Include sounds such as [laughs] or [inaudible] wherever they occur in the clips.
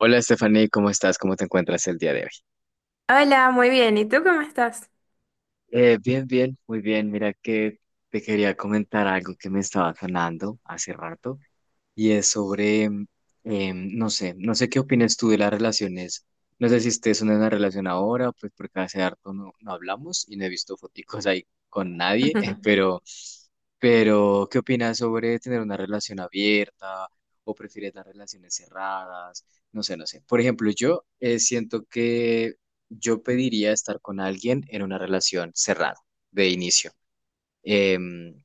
Hola Stephanie, ¿cómo estás? ¿Cómo te encuentras el día de hoy? Hola, muy bien. ¿Y tú cómo estás? Bien, bien, muy bien. Mira que te quería comentar algo que me estaba sonando hace rato y es sobre, no sé, no sé qué opinas tú de las relaciones. No sé si estés en una relación ahora, pues porque hace harto no hablamos y no he visto foticos ahí con nadie, [laughs] pero ¿qué opinas sobre tener una relación abierta o prefieres las relaciones cerradas? No sé, no sé. Por ejemplo, yo siento que yo pediría estar con alguien en una relación cerrada de inicio. Em,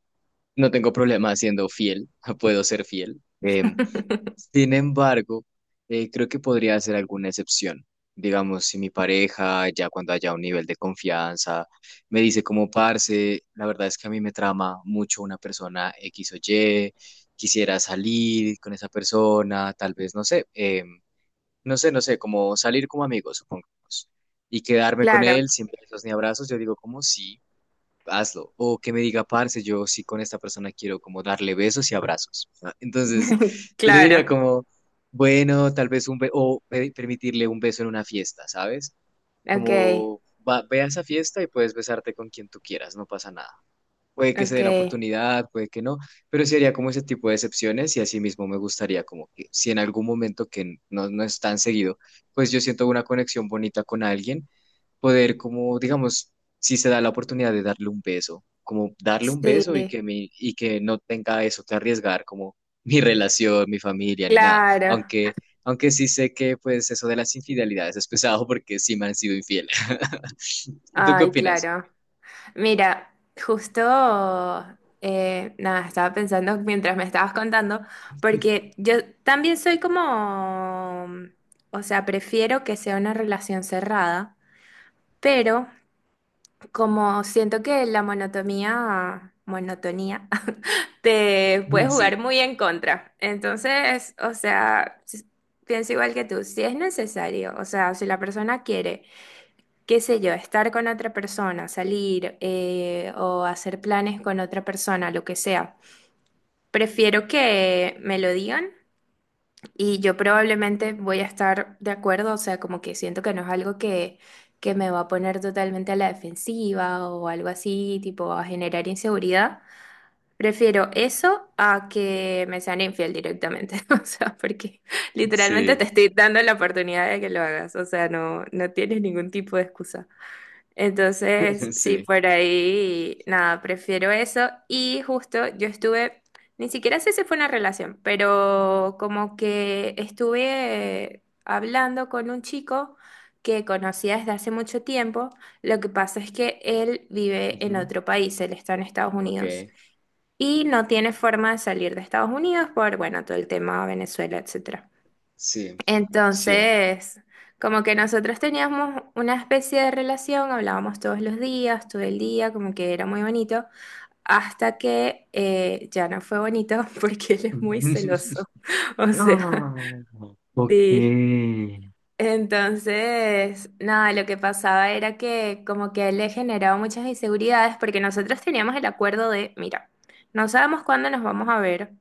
no tengo problema siendo fiel, [laughs] puedo ser fiel. [laughs] Sin embargo, creo que podría ser alguna excepción. Digamos, si mi pareja, ya cuando haya un nivel de confianza, me dice como parce, la verdad es que a mí me trama mucho una persona X o Y, quisiera salir con esa persona, tal vez, no sé, no sé, no sé, como salir como amigos, supongamos, y quedarme con Claro, él sin besos ni abrazos, yo digo como sí, hazlo. O que me diga, parce, yo sí con esta persona quiero como darle besos y abrazos, ¿no? [laughs] Entonces, [laughs] yo le claro. diría como, bueno, tal vez un beso, o permitirle un beso en una fiesta, ¿sabes? Ok, Como, va, ve a esa fiesta y puedes besarte con quien tú quieras, no pasa nada, puede que se ok. dé la oportunidad, puede que no, pero sí haría como ese tipo de excepciones y así mismo me gustaría como que si en algún momento que no es tan seguido, pues yo siento una conexión bonita con alguien, poder como, digamos, si se da la oportunidad de darle un beso, como darle un beso y Sí, y que no tenga eso que arriesgar como [laughs] mi relación, mi familia, ni nada, claro. aunque... Aunque sí sé que pues eso de las infidelidades es pesado porque sí me han sido infiel. [laughs] ¿Tú qué Ay, opinas? claro. Mira, justo, nada, estaba pensando mientras me estabas contando, [laughs] porque yo también soy como, o sea, prefiero que sea una relación cerrada, pero como siento que la monotonía te puede jugar Sí, muy en contra. Entonces, o sea, pienso igual que tú, si es necesario, o sea, si la persona quiere, qué sé yo, estar con otra persona, salir o hacer planes con otra persona, lo que sea, prefiero que me lo digan y yo probablemente voy a estar de acuerdo, o sea, como que siento que no es algo que me va a poner totalmente a la defensiva o algo así, tipo a generar inseguridad. Prefiero eso a que me sean infiel directamente, [laughs] o sea, porque literalmente sí. te estoy dando la oportunidad de que lo hagas, o sea, no tienes ningún tipo de excusa. Entonces, [laughs] sí, Sí. por ahí, nada, prefiero eso. Y justo yo estuve, ni siquiera sé si fue una relación, pero como que estuve hablando con un chico que conocía desde hace mucho tiempo. Lo que pasa es que él vive en Ujú. otro país, él está en Estados Unidos Ok. y no tiene forma de salir de Estados Unidos por, bueno, todo el tema Venezuela, etcétera. Sí. Sí. Entonces, como que nosotros teníamos una especie de relación, hablábamos todos los días, todo el día, como que era muy bonito, hasta que ya no fue bonito [laughs] porque él es muy [laughs] celoso. [laughs] O sea, Ok. sí. Sí, Entonces, nada, lo que pasaba era que como que a él le generaba muchas inseguridades porque nosotros teníamos el acuerdo de, mira, no sabemos cuándo nos vamos a ver.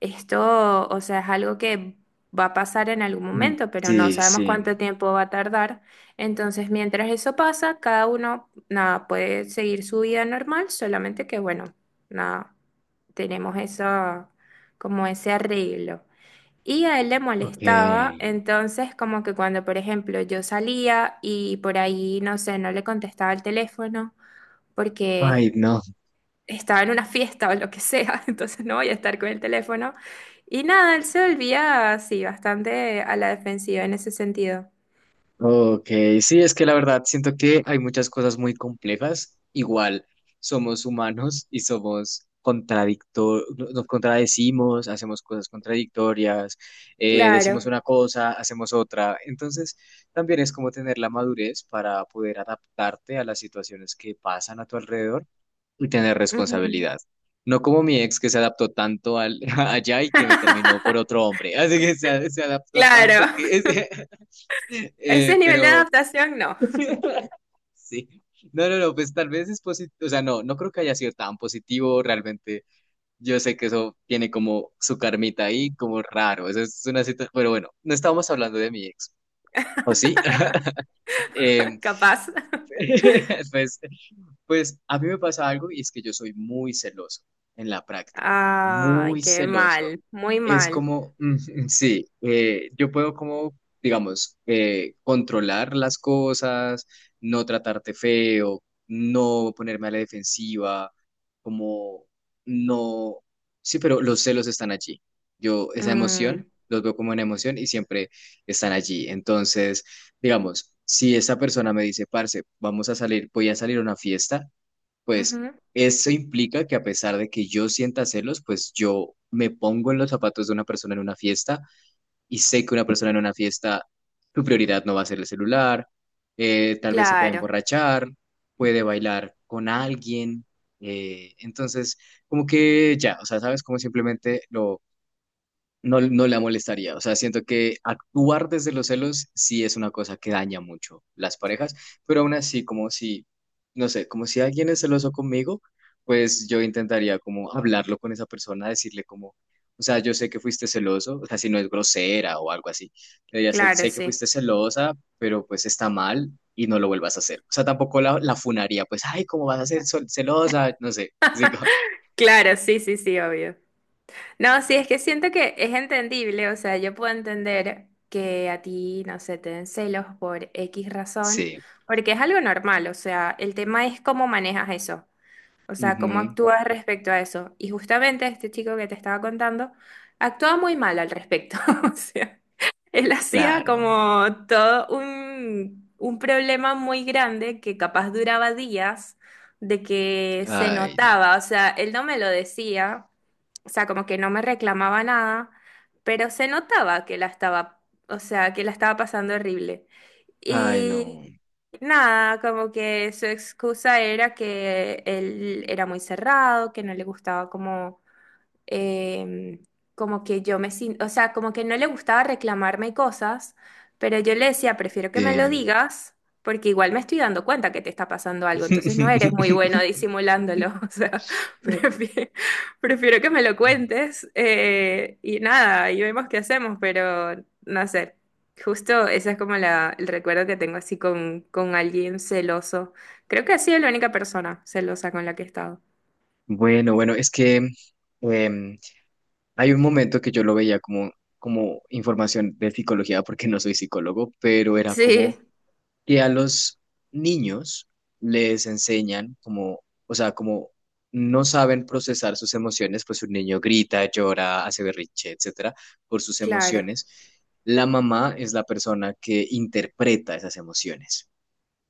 Esto, o sea, es algo que va a pasar en algún momento, pero no sabemos sí. cuánto tiempo va a tardar. Entonces, mientras eso pasa, cada uno, nada, puede seguir su vida normal, solamente que, bueno, nada, tenemos eso, como ese arreglo. Y a él le Ok. molestaba, entonces como que cuando, por ejemplo, yo salía y por ahí, no sé, no le contestaba el teléfono Ay, porque no. estaba en una fiesta o lo que sea, [laughs] entonces no voy a estar con el teléfono. Y nada, él se volvía así, bastante a la defensiva en ese sentido. Ok, sí, es que la verdad siento que hay muchas cosas muy complejas. Igual somos humanos y somos contradictor, nos contradecimos, hacemos cosas contradictorias, decimos Claro. una cosa, hacemos otra. Entonces, también es como tener la madurez para poder adaptarte a las situaciones que pasan a tu alrededor y tener Ujú. responsabilidad. No como mi ex que se adaptó tanto al, [laughs] allá y que me terminó por otro [laughs] hombre. [laughs] Así que se adaptó tanto Claro. que... [laughs] Ese nivel de pero adaptación no, [laughs] Sí. No, no, no, pues tal vez es positivo, o sea, no creo que haya sido tan positivo, realmente yo sé que eso tiene como su carmita ahí, como raro, eso es una situación, pero bueno, no estábamos hablando de mi ex, ¿o sí? [laughs] Em, [laughs] capaz. [laughs] pues, pues a mí me pasa algo y es que yo soy muy celoso en la práctica, Ay, muy qué celoso, mal, muy es mal. como, sí, yo puedo como, digamos, controlar las cosas, no tratarte feo, no ponerme a la defensiva, como no, sí, pero los celos están allí. Yo esa Mm, emoción, los veo como una emoción y siempre están allí. Entonces, digamos, si esa persona me dice, parce, vamos a salir, voy a salir a una fiesta, pues ujú. eso implica que a pesar de que yo sienta celos, pues yo me pongo en los zapatos de una persona en una fiesta y sé que una persona en una fiesta, su prioridad no va a ser el celular, tal vez se puede Claro, emborrachar, puede bailar con alguien, entonces como que ya, o sea, sabes, como simplemente lo no, no la molestaría. O sea, siento que actuar desde los celos sí es una cosa que daña mucho las parejas, pero aún así, como si, no sé, como si alguien es celoso conmigo, pues yo intentaría como hablarlo con esa persona, decirle como, o sea, yo sé que fuiste celoso, o sea, si no es grosera o algo así, le diría, claro, sé que sí. fuiste celosa, pero pues está mal y no lo vuelvas a hacer. O sea, tampoco la funaría, pues, ay, ¿cómo vas a ser celosa? No sé, digo, [laughs] Claro, sí, sí, sí, obvio. No, sí, es que siento que es entendible, o sea, yo puedo entender que a ti, no sé, te den celos por X razón, sí, porque es algo normal, o sea, el tema es cómo manejas eso, o sea, cómo ujú, actúas respecto a eso. Y justamente este chico que te estaba contando actuaba muy mal al respecto, [laughs] o sea, él hacía claro, como todo un problema muy grande que capaz duraba días de que se ay, no. notaba, o sea, él no me lo decía, o sea, como que no me reclamaba nada, pero se notaba que la estaba, o sea, que la estaba pasando horrible. Ay, Y no. nada, como que su excusa era que él era muy cerrado, que no le gustaba como eh, como que yo me siento, o sea, como que no le gustaba reclamarme cosas, pero yo le decía, prefiero que me lo Sí. digas, porque igual me estoy dando cuenta que te está pasando algo, entonces no eres muy bueno [laughs] disimulándolo, [laughs] o sea, prefiero, prefiero que me lo cuentes y nada, y vemos qué hacemos, pero no sé. Justo ese es como la, el recuerdo que tengo así con alguien celoso. Creo que ha sido la única persona celosa con la que he estado. Bueno, bueno, es que em, hay un momento que yo lo veía como, como información de psicología, porque no soy psicólogo, pero era Sí, como que a los niños les enseñan como, o sea, como no saben procesar sus emociones, pues un niño grita, llora, hace berrinche, etcétera, por sus claro, emociones. La mamá es la persona que interpreta esas emociones.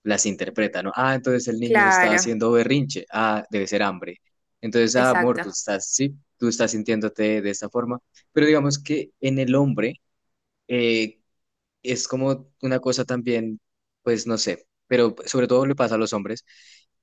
Las interpreta, ¿no? Ah, entonces el niño está claro. haciendo berrinche, ah, debe ser hambre. Entonces, ah, amor, Exacto. tú estás, sí, tú estás sintiéndote de esta forma, pero digamos que en el hombre eh, es como una cosa también, pues no sé, pero sobre todo le pasa a los hombres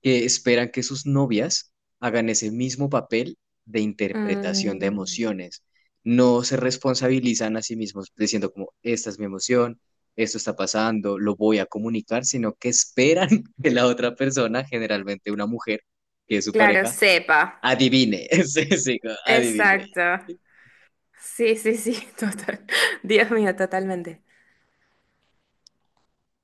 que esperan que sus novias hagan ese mismo papel de interpretación de Mm, emociones. No se responsabilizan a sí mismos diciendo como, esta es mi emoción, esto está pasando, lo voy a comunicar, sino que esperan [laughs] que la otra persona, generalmente una mujer, que es su claro, pareja, sepa. adivine, [laughs] sí, sí, adivine. Exacto. Sí, sí, sí, [laughs] total. Dios mío, totalmente.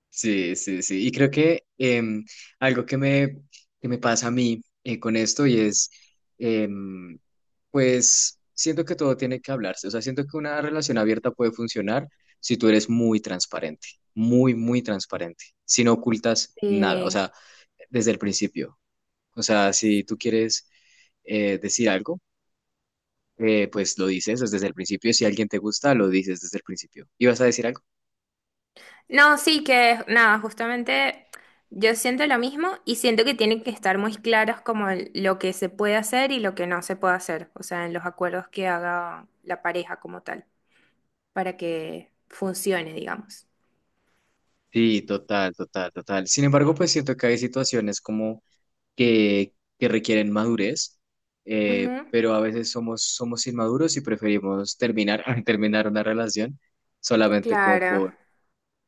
Sí, sí, sí. Y creo que algo que que me pasa a mí con esto y es, em, pues, siento que todo tiene que hablarse. O sea, siento que una relación abierta puede funcionar si tú eres muy transparente, muy transparente, si no ocultas nada, o Sí. sea, desde el principio. O sea, si tú quieres decir algo, pues lo dices desde el principio. Si alguien te gusta, lo dices desde el principio. ¿Ibas a decir algo? No, sí que nada, justamente yo siento lo mismo y siento que tienen que estar muy claros como lo que se puede hacer y lo que no se puede hacer, o sea, en los acuerdos que haga la pareja como tal, para que funcione, digamos. Sí, total, total, total. Sin embargo, pues siento que hay situaciones como que, que requieren madurez, Ujú. pero a veces somos, somos inmaduros y preferimos terminar, [laughs] terminar una relación solamente como Claro, por,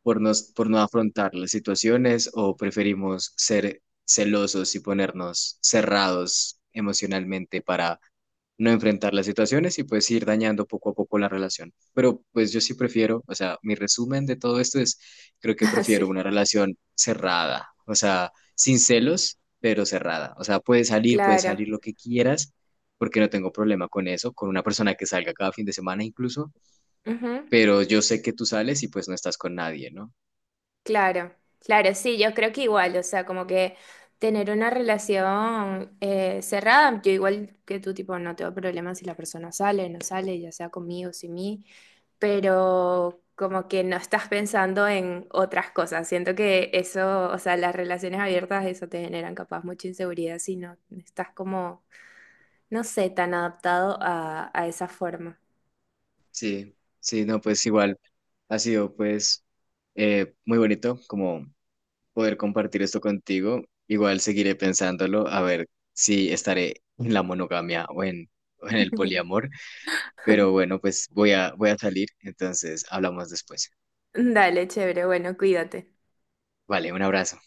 por no afrontar las situaciones o preferimos ser celosos y ponernos cerrados emocionalmente, no enfrentar las situaciones y pues ir dañando poco a poco la relación. Pero pues yo sí prefiero, o sea, mi resumen de todo esto es, creo que [laughs] prefiero sí, una relación cerrada, o sea, sin celos, pero cerrada. O sea, puedes claro. salir lo que quieras, porque no tengo problema con eso, con una persona que salga cada fin de semana incluso, Ujú. pero yo sé que tú sales y pues no estás con nadie, ¿no? Claro, claro, sí, yo creo que igual, o sea, como que tener una relación cerrada, yo igual que tú, tipo, no tengo problema si la persona sale, no sale, ya sea conmigo, sin mí, pero como que no estás pensando en otras cosas. Siento que eso, o sea, las relaciones abiertas, eso te generan capaz mucha inseguridad si no estás como, no sé, tan adaptado a esa forma. Sí, sí, no, pues igual ha sido pues muy bonito como poder compartir esto contigo. Igual seguiré pensándolo, a ver si estaré en la monogamia o en el poliamor. [laughs] Pero bueno, pues voy a salir, entonces hablamos después. Dale, chévere, bueno, cuídate. Vale, un abrazo.